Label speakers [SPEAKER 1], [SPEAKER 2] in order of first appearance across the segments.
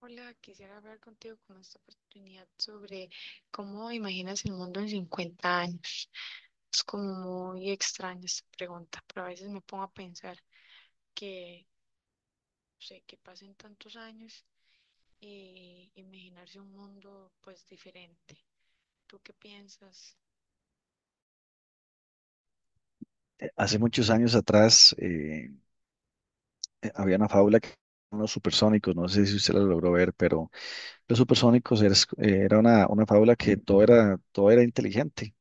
[SPEAKER 1] Hola, quisiera hablar contigo con esta oportunidad sobre cómo imaginas el mundo en 50 años. Es como muy extraña esta pregunta, pero a veces me pongo a pensar que, no sé, que pasen tantos años y imaginarse un mundo pues diferente. ¿Tú qué piensas?
[SPEAKER 2] Hace muchos años atrás había una fábula que los supersónicos, no sé si usted la logró ver, pero los supersónicos era una fábula que todo era inteligente.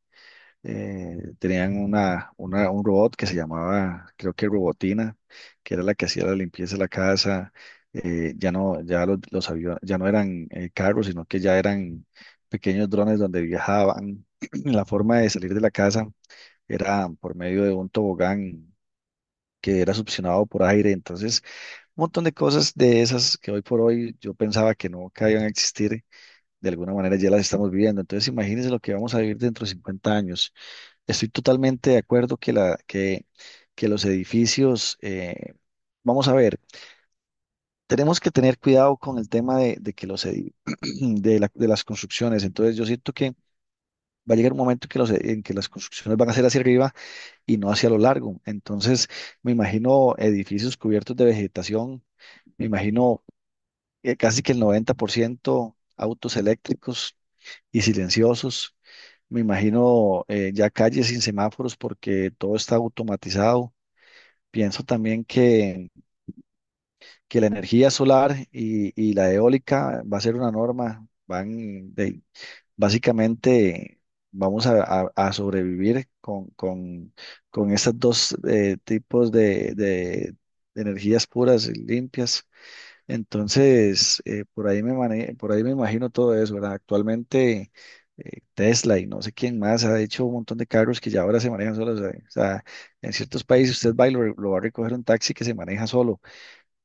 [SPEAKER 2] Tenían un robot que se llamaba, creo que Robotina, que era la que hacía la limpieza de la casa. Ya no, Ya los aviones, ya no eran carros, sino que ya eran pequeños drones donde viajaban. La forma de salir de la casa era por medio de un tobogán que era succionado por aire. Entonces, un montón de cosas de esas que hoy por hoy yo pensaba que no que iban a existir, de alguna manera ya las estamos viviendo. Entonces, imagínense lo que vamos a vivir dentro de 50 años. Estoy totalmente de acuerdo que los edificios, vamos a ver, tenemos que tener cuidado con el tema de que los de las construcciones. Entonces, yo siento que va a llegar un momento en que las construcciones van a ser hacia arriba y no hacia lo largo. Entonces, me imagino edificios cubiertos de vegetación. Me imagino casi que el 90% autos eléctricos y silenciosos. Me imagino ya calles sin semáforos porque todo está automatizado. Pienso también que la energía solar y la eólica va a ser una norma. Básicamente vamos a sobrevivir con estos dos tipos de energías puras y limpias. Entonces, por ahí me por ahí me imagino todo eso, ¿verdad? Actualmente Tesla y no sé quién más ha hecho un montón de carros que ya ahora se manejan solos. ¿Sabe? O sea, en ciertos países usted va y lo va a recoger un taxi que se maneja solo.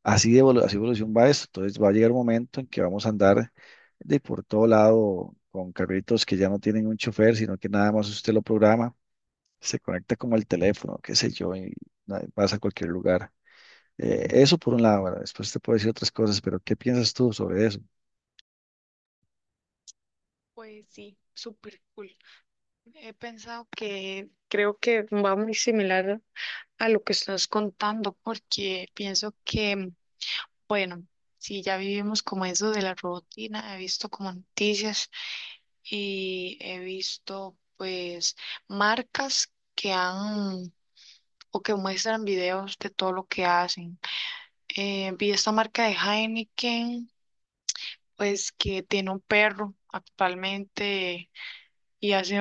[SPEAKER 2] Así evolución va esto. Entonces va a llegar un momento en que vamos a andar de por todo lado con carritos que ya no tienen un chofer, sino que nada más usted lo programa, se conecta como el teléfono, qué sé yo, y vas a cualquier lugar. Eso por un lado, ¿verdad? Después te puedo decir otras cosas, pero ¿qué piensas tú sobre eso?
[SPEAKER 1] Pues sí, súper cool. He pensado que creo que va muy similar a lo que estás contando porque pienso que bueno, sí, ya vivimos como eso de la rutina, he visto como noticias y he visto pues marcas que han o que muestran videos de todo lo que hacen. Vi esta marca de Heineken, pues que tiene un perro actualmente y hace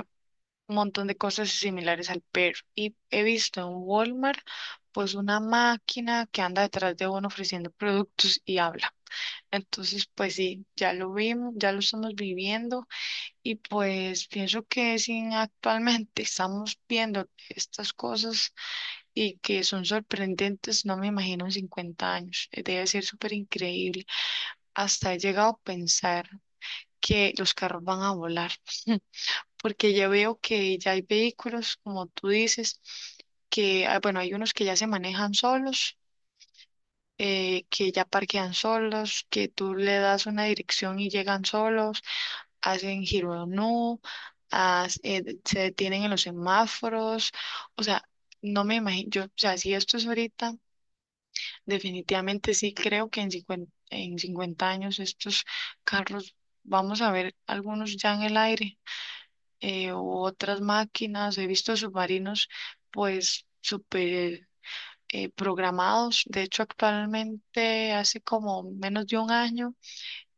[SPEAKER 1] un montón de cosas similares al perro. Y he visto en Walmart pues una máquina que anda detrás de uno ofreciendo productos y habla. Entonces, pues sí, ya lo vimos, ya lo estamos viviendo y pues pienso que si actualmente estamos viendo estas cosas y que son sorprendentes, no me imagino en 50 años, debe ser súper increíble. Hasta he llegado a pensar que los carros van a volar, porque ya veo que ya hay vehículos, como tú dices, que, ah, bueno, hay unos que ya se manejan solos, que ya parquean solos, que tú le das una dirección y llegan solos, hacen giro no, se detienen en los semáforos, o sea, no me imagino, yo, o sea, si esto es ahorita, definitivamente sí creo que en 50 años estos carros, vamos a ver algunos ya en el aire, u otras máquinas, he visto submarinos, pues, súper programados. De hecho, actualmente, hace como menos de un año,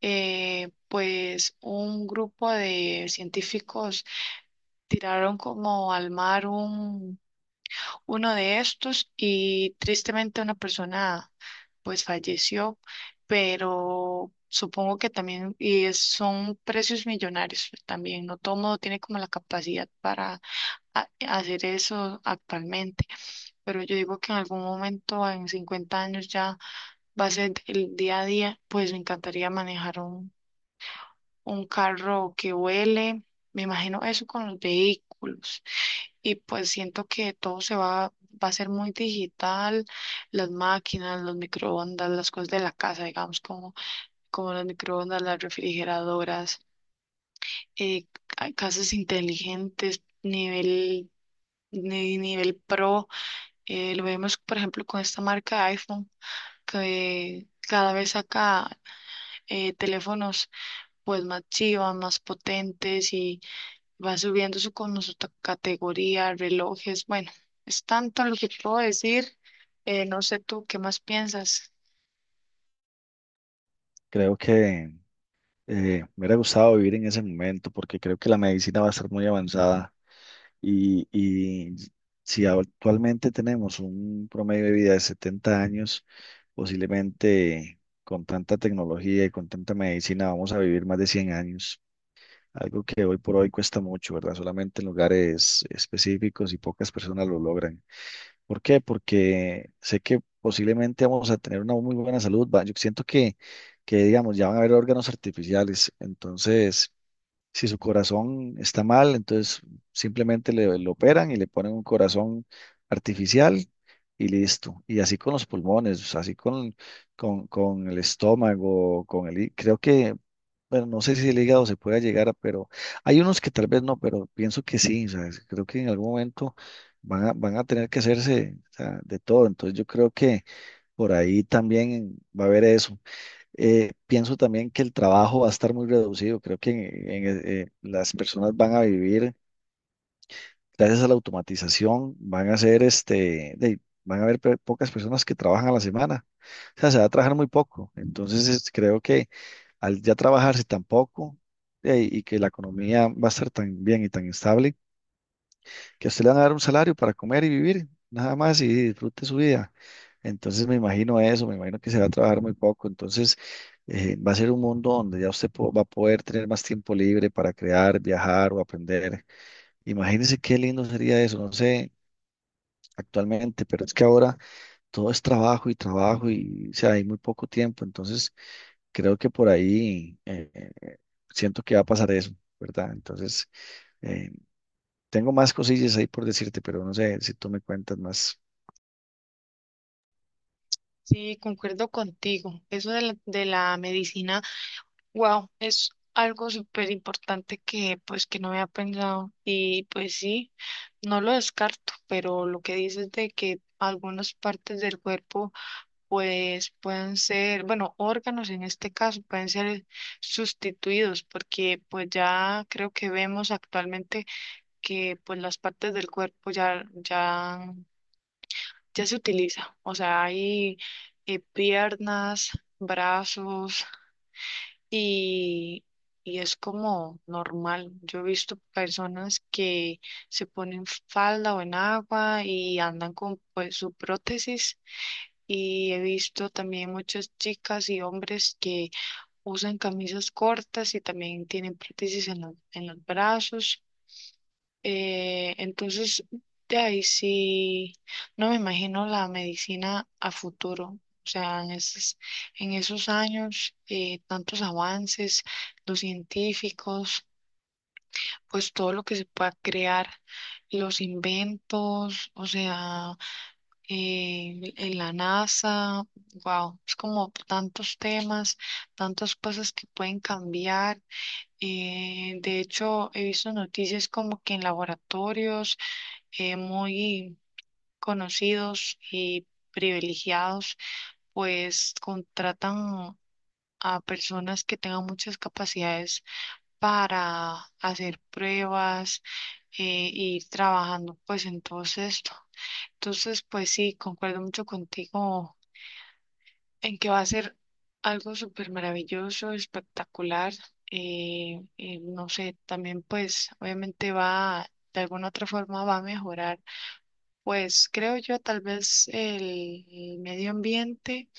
[SPEAKER 1] pues un grupo de científicos tiraron como al mar uno de estos y tristemente una persona pues falleció, pero supongo que también, son precios millonarios también, no todo mundo tiene como la capacidad para hacer eso actualmente, pero yo digo que en algún momento, en 50 años ya va a ser el día a día, pues me encantaría manejar un carro que huele, me imagino eso con los vehículos y pues siento que todo va a ser muy digital, las máquinas, los microondas, las cosas de la casa, digamos, como, como los microondas, las refrigeradoras, casas inteligentes, nivel, ni- nivel pro. Lo vemos, por ejemplo, con esta marca de iPhone, que cada vez saca teléfonos pues más chivas, más potentes y va subiendo con su categoría, relojes. Bueno, es tanto lo que puedo decir. No sé tú, ¿qué más piensas?
[SPEAKER 2] Creo que me hubiera gustado vivir en ese momento porque creo que la medicina va a estar muy avanzada y si actualmente tenemos un promedio de vida de 70 años, posiblemente con tanta tecnología y con tanta medicina vamos a vivir más de 100 años. Algo que hoy por hoy cuesta mucho, ¿verdad? Solamente en lugares específicos y pocas personas lo logran. ¿Por qué? Porque sé que posiblemente vamos a tener una muy buena salud. Yo siento que, digamos, ya van a haber órganos artificiales. Entonces, si su corazón está mal, entonces simplemente lo operan y le ponen un corazón artificial y listo. Y así con los pulmones, así con el estómago, con el... Creo que bueno, no sé si el hígado se pueda llegar a, pero hay unos que tal vez no, pero pienso que sí, o sea, creo que en algún momento van a tener que hacerse, o sea, de todo, entonces yo creo que por ahí también va a haber eso. Pienso también que el trabajo va a estar muy reducido, creo que las personas van a vivir gracias a la automatización van a ser este, van a haber pocas personas que trabajan a la semana. O sea, se va a trabajar muy poco. Entonces, creo que al ya trabajarse tan poco y que la economía va a estar tan bien y tan estable, que a usted le van a dar un salario para comer y vivir, nada más y disfrute su vida. Entonces, me imagino eso, me imagino que se va a trabajar muy poco. Entonces, va a ser un mundo donde ya usted va a poder tener más tiempo libre para crear, viajar o aprender. Imagínense qué lindo sería eso. No sé, actualmente, pero es que ahora todo es trabajo y trabajo y, o sea, hay muy poco tiempo, entonces creo que por ahí siento que va a pasar eso, ¿verdad? Entonces, eh, tengo más cosillas ahí por decirte, pero no sé si tú me cuentas más.
[SPEAKER 1] Sí, concuerdo contigo. Eso de la medicina. Wow, es algo súper importante que pues que no había pensado y pues sí, no lo descarto, pero lo que dices de que algunas partes del cuerpo pues pueden ser, bueno, órganos en este caso pueden ser sustituidos porque pues ya creo que vemos actualmente que pues las partes del cuerpo ya se utiliza, o sea, hay piernas, brazos y, y es como normal. Yo he visto personas que se ponen falda o en agua y andan con pues, su prótesis. Y he visto también muchas chicas y hombres que usan camisas cortas y también tienen prótesis en los brazos. Entonces, de ahí sí, no me imagino la medicina a futuro. O sea, en esos años, tantos avances, los científicos, pues todo lo que se pueda crear, los inventos, o sea, en la NASA, wow, es como tantos temas, tantas cosas que pueden cambiar. De hecho, he visto noticias como que en laboratorios, muy conocidos y privilegiados, pues contratan a personas que tengan muchas capacidades para hacer pruebas e ir trabajando pues en todo esto. Entonces, pues sí, concuerdo mucho contigo en que va a ser algo súper maravilloso, espectacular. No sé, también pues obviamente de alguna otra forma va a mejorar. Pues creo yo tal vez el medio ambiente,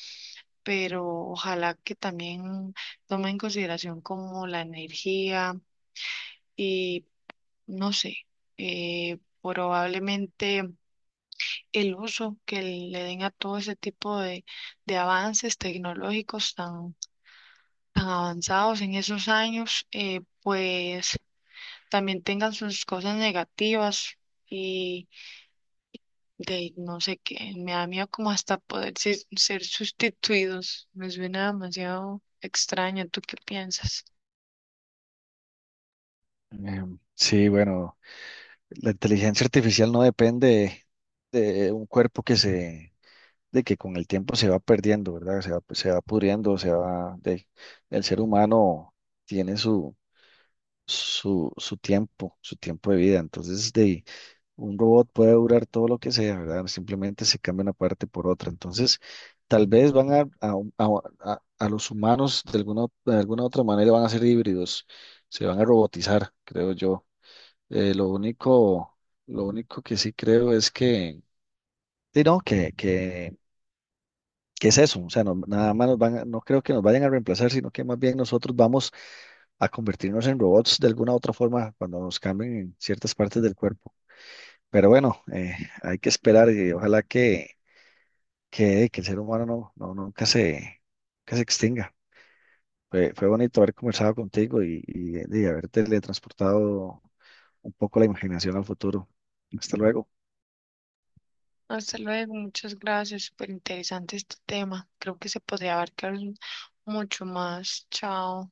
[SPEAKER 1] pero ojalá que también tome en consideración como la energía y no sé, probablemente el uso que le den a todo ese tipo de avances tecnológicos tan, tan avanzados en esos años, pues también tengan sus cosas negativas de no sé qué, me da miedo como hasta poder ser sustituidos, me suena demasiado extraño, ¿tú qué piensas?
[SPEAKER 2] Sí, bueno, la inteligencia artificial no depende de un cuerpo de que con el tiempo se va perdiendo, ¿verdad? Se va, pues, se va pudriendo, el ser humano tiene su... su tiempo de vida. Entonces, de, un robot puede durar todo lo que sea, ¿verdad? Simplemente se cambia una parte por otra. Entonces, tal vez van a los humanos de alguna otra manera van a ser híbridos, se van a robotizar, creo yo. Eh, lo único, lo único que sí creo es que, sí, no, que, que, que es eso. O sea, nada más no creo que nos vayan a reemplazar, sino que más bien nosotros vamos a convertirnos en robots de alguna otra forma cuando nos cambien en ciertas partes del cuerpo. Pero bueno, hay que esperar y ojalá que el ser humano nunca que se extinga. Fue bonito haber conversado contigo y haber teletransportado un poco la imaginación al futuro. Hasta luego.
[SPEAKER 1] Hasta luego, muchas gracias, súper interesante este tema, creo que se podría abarcar mucho más, chao.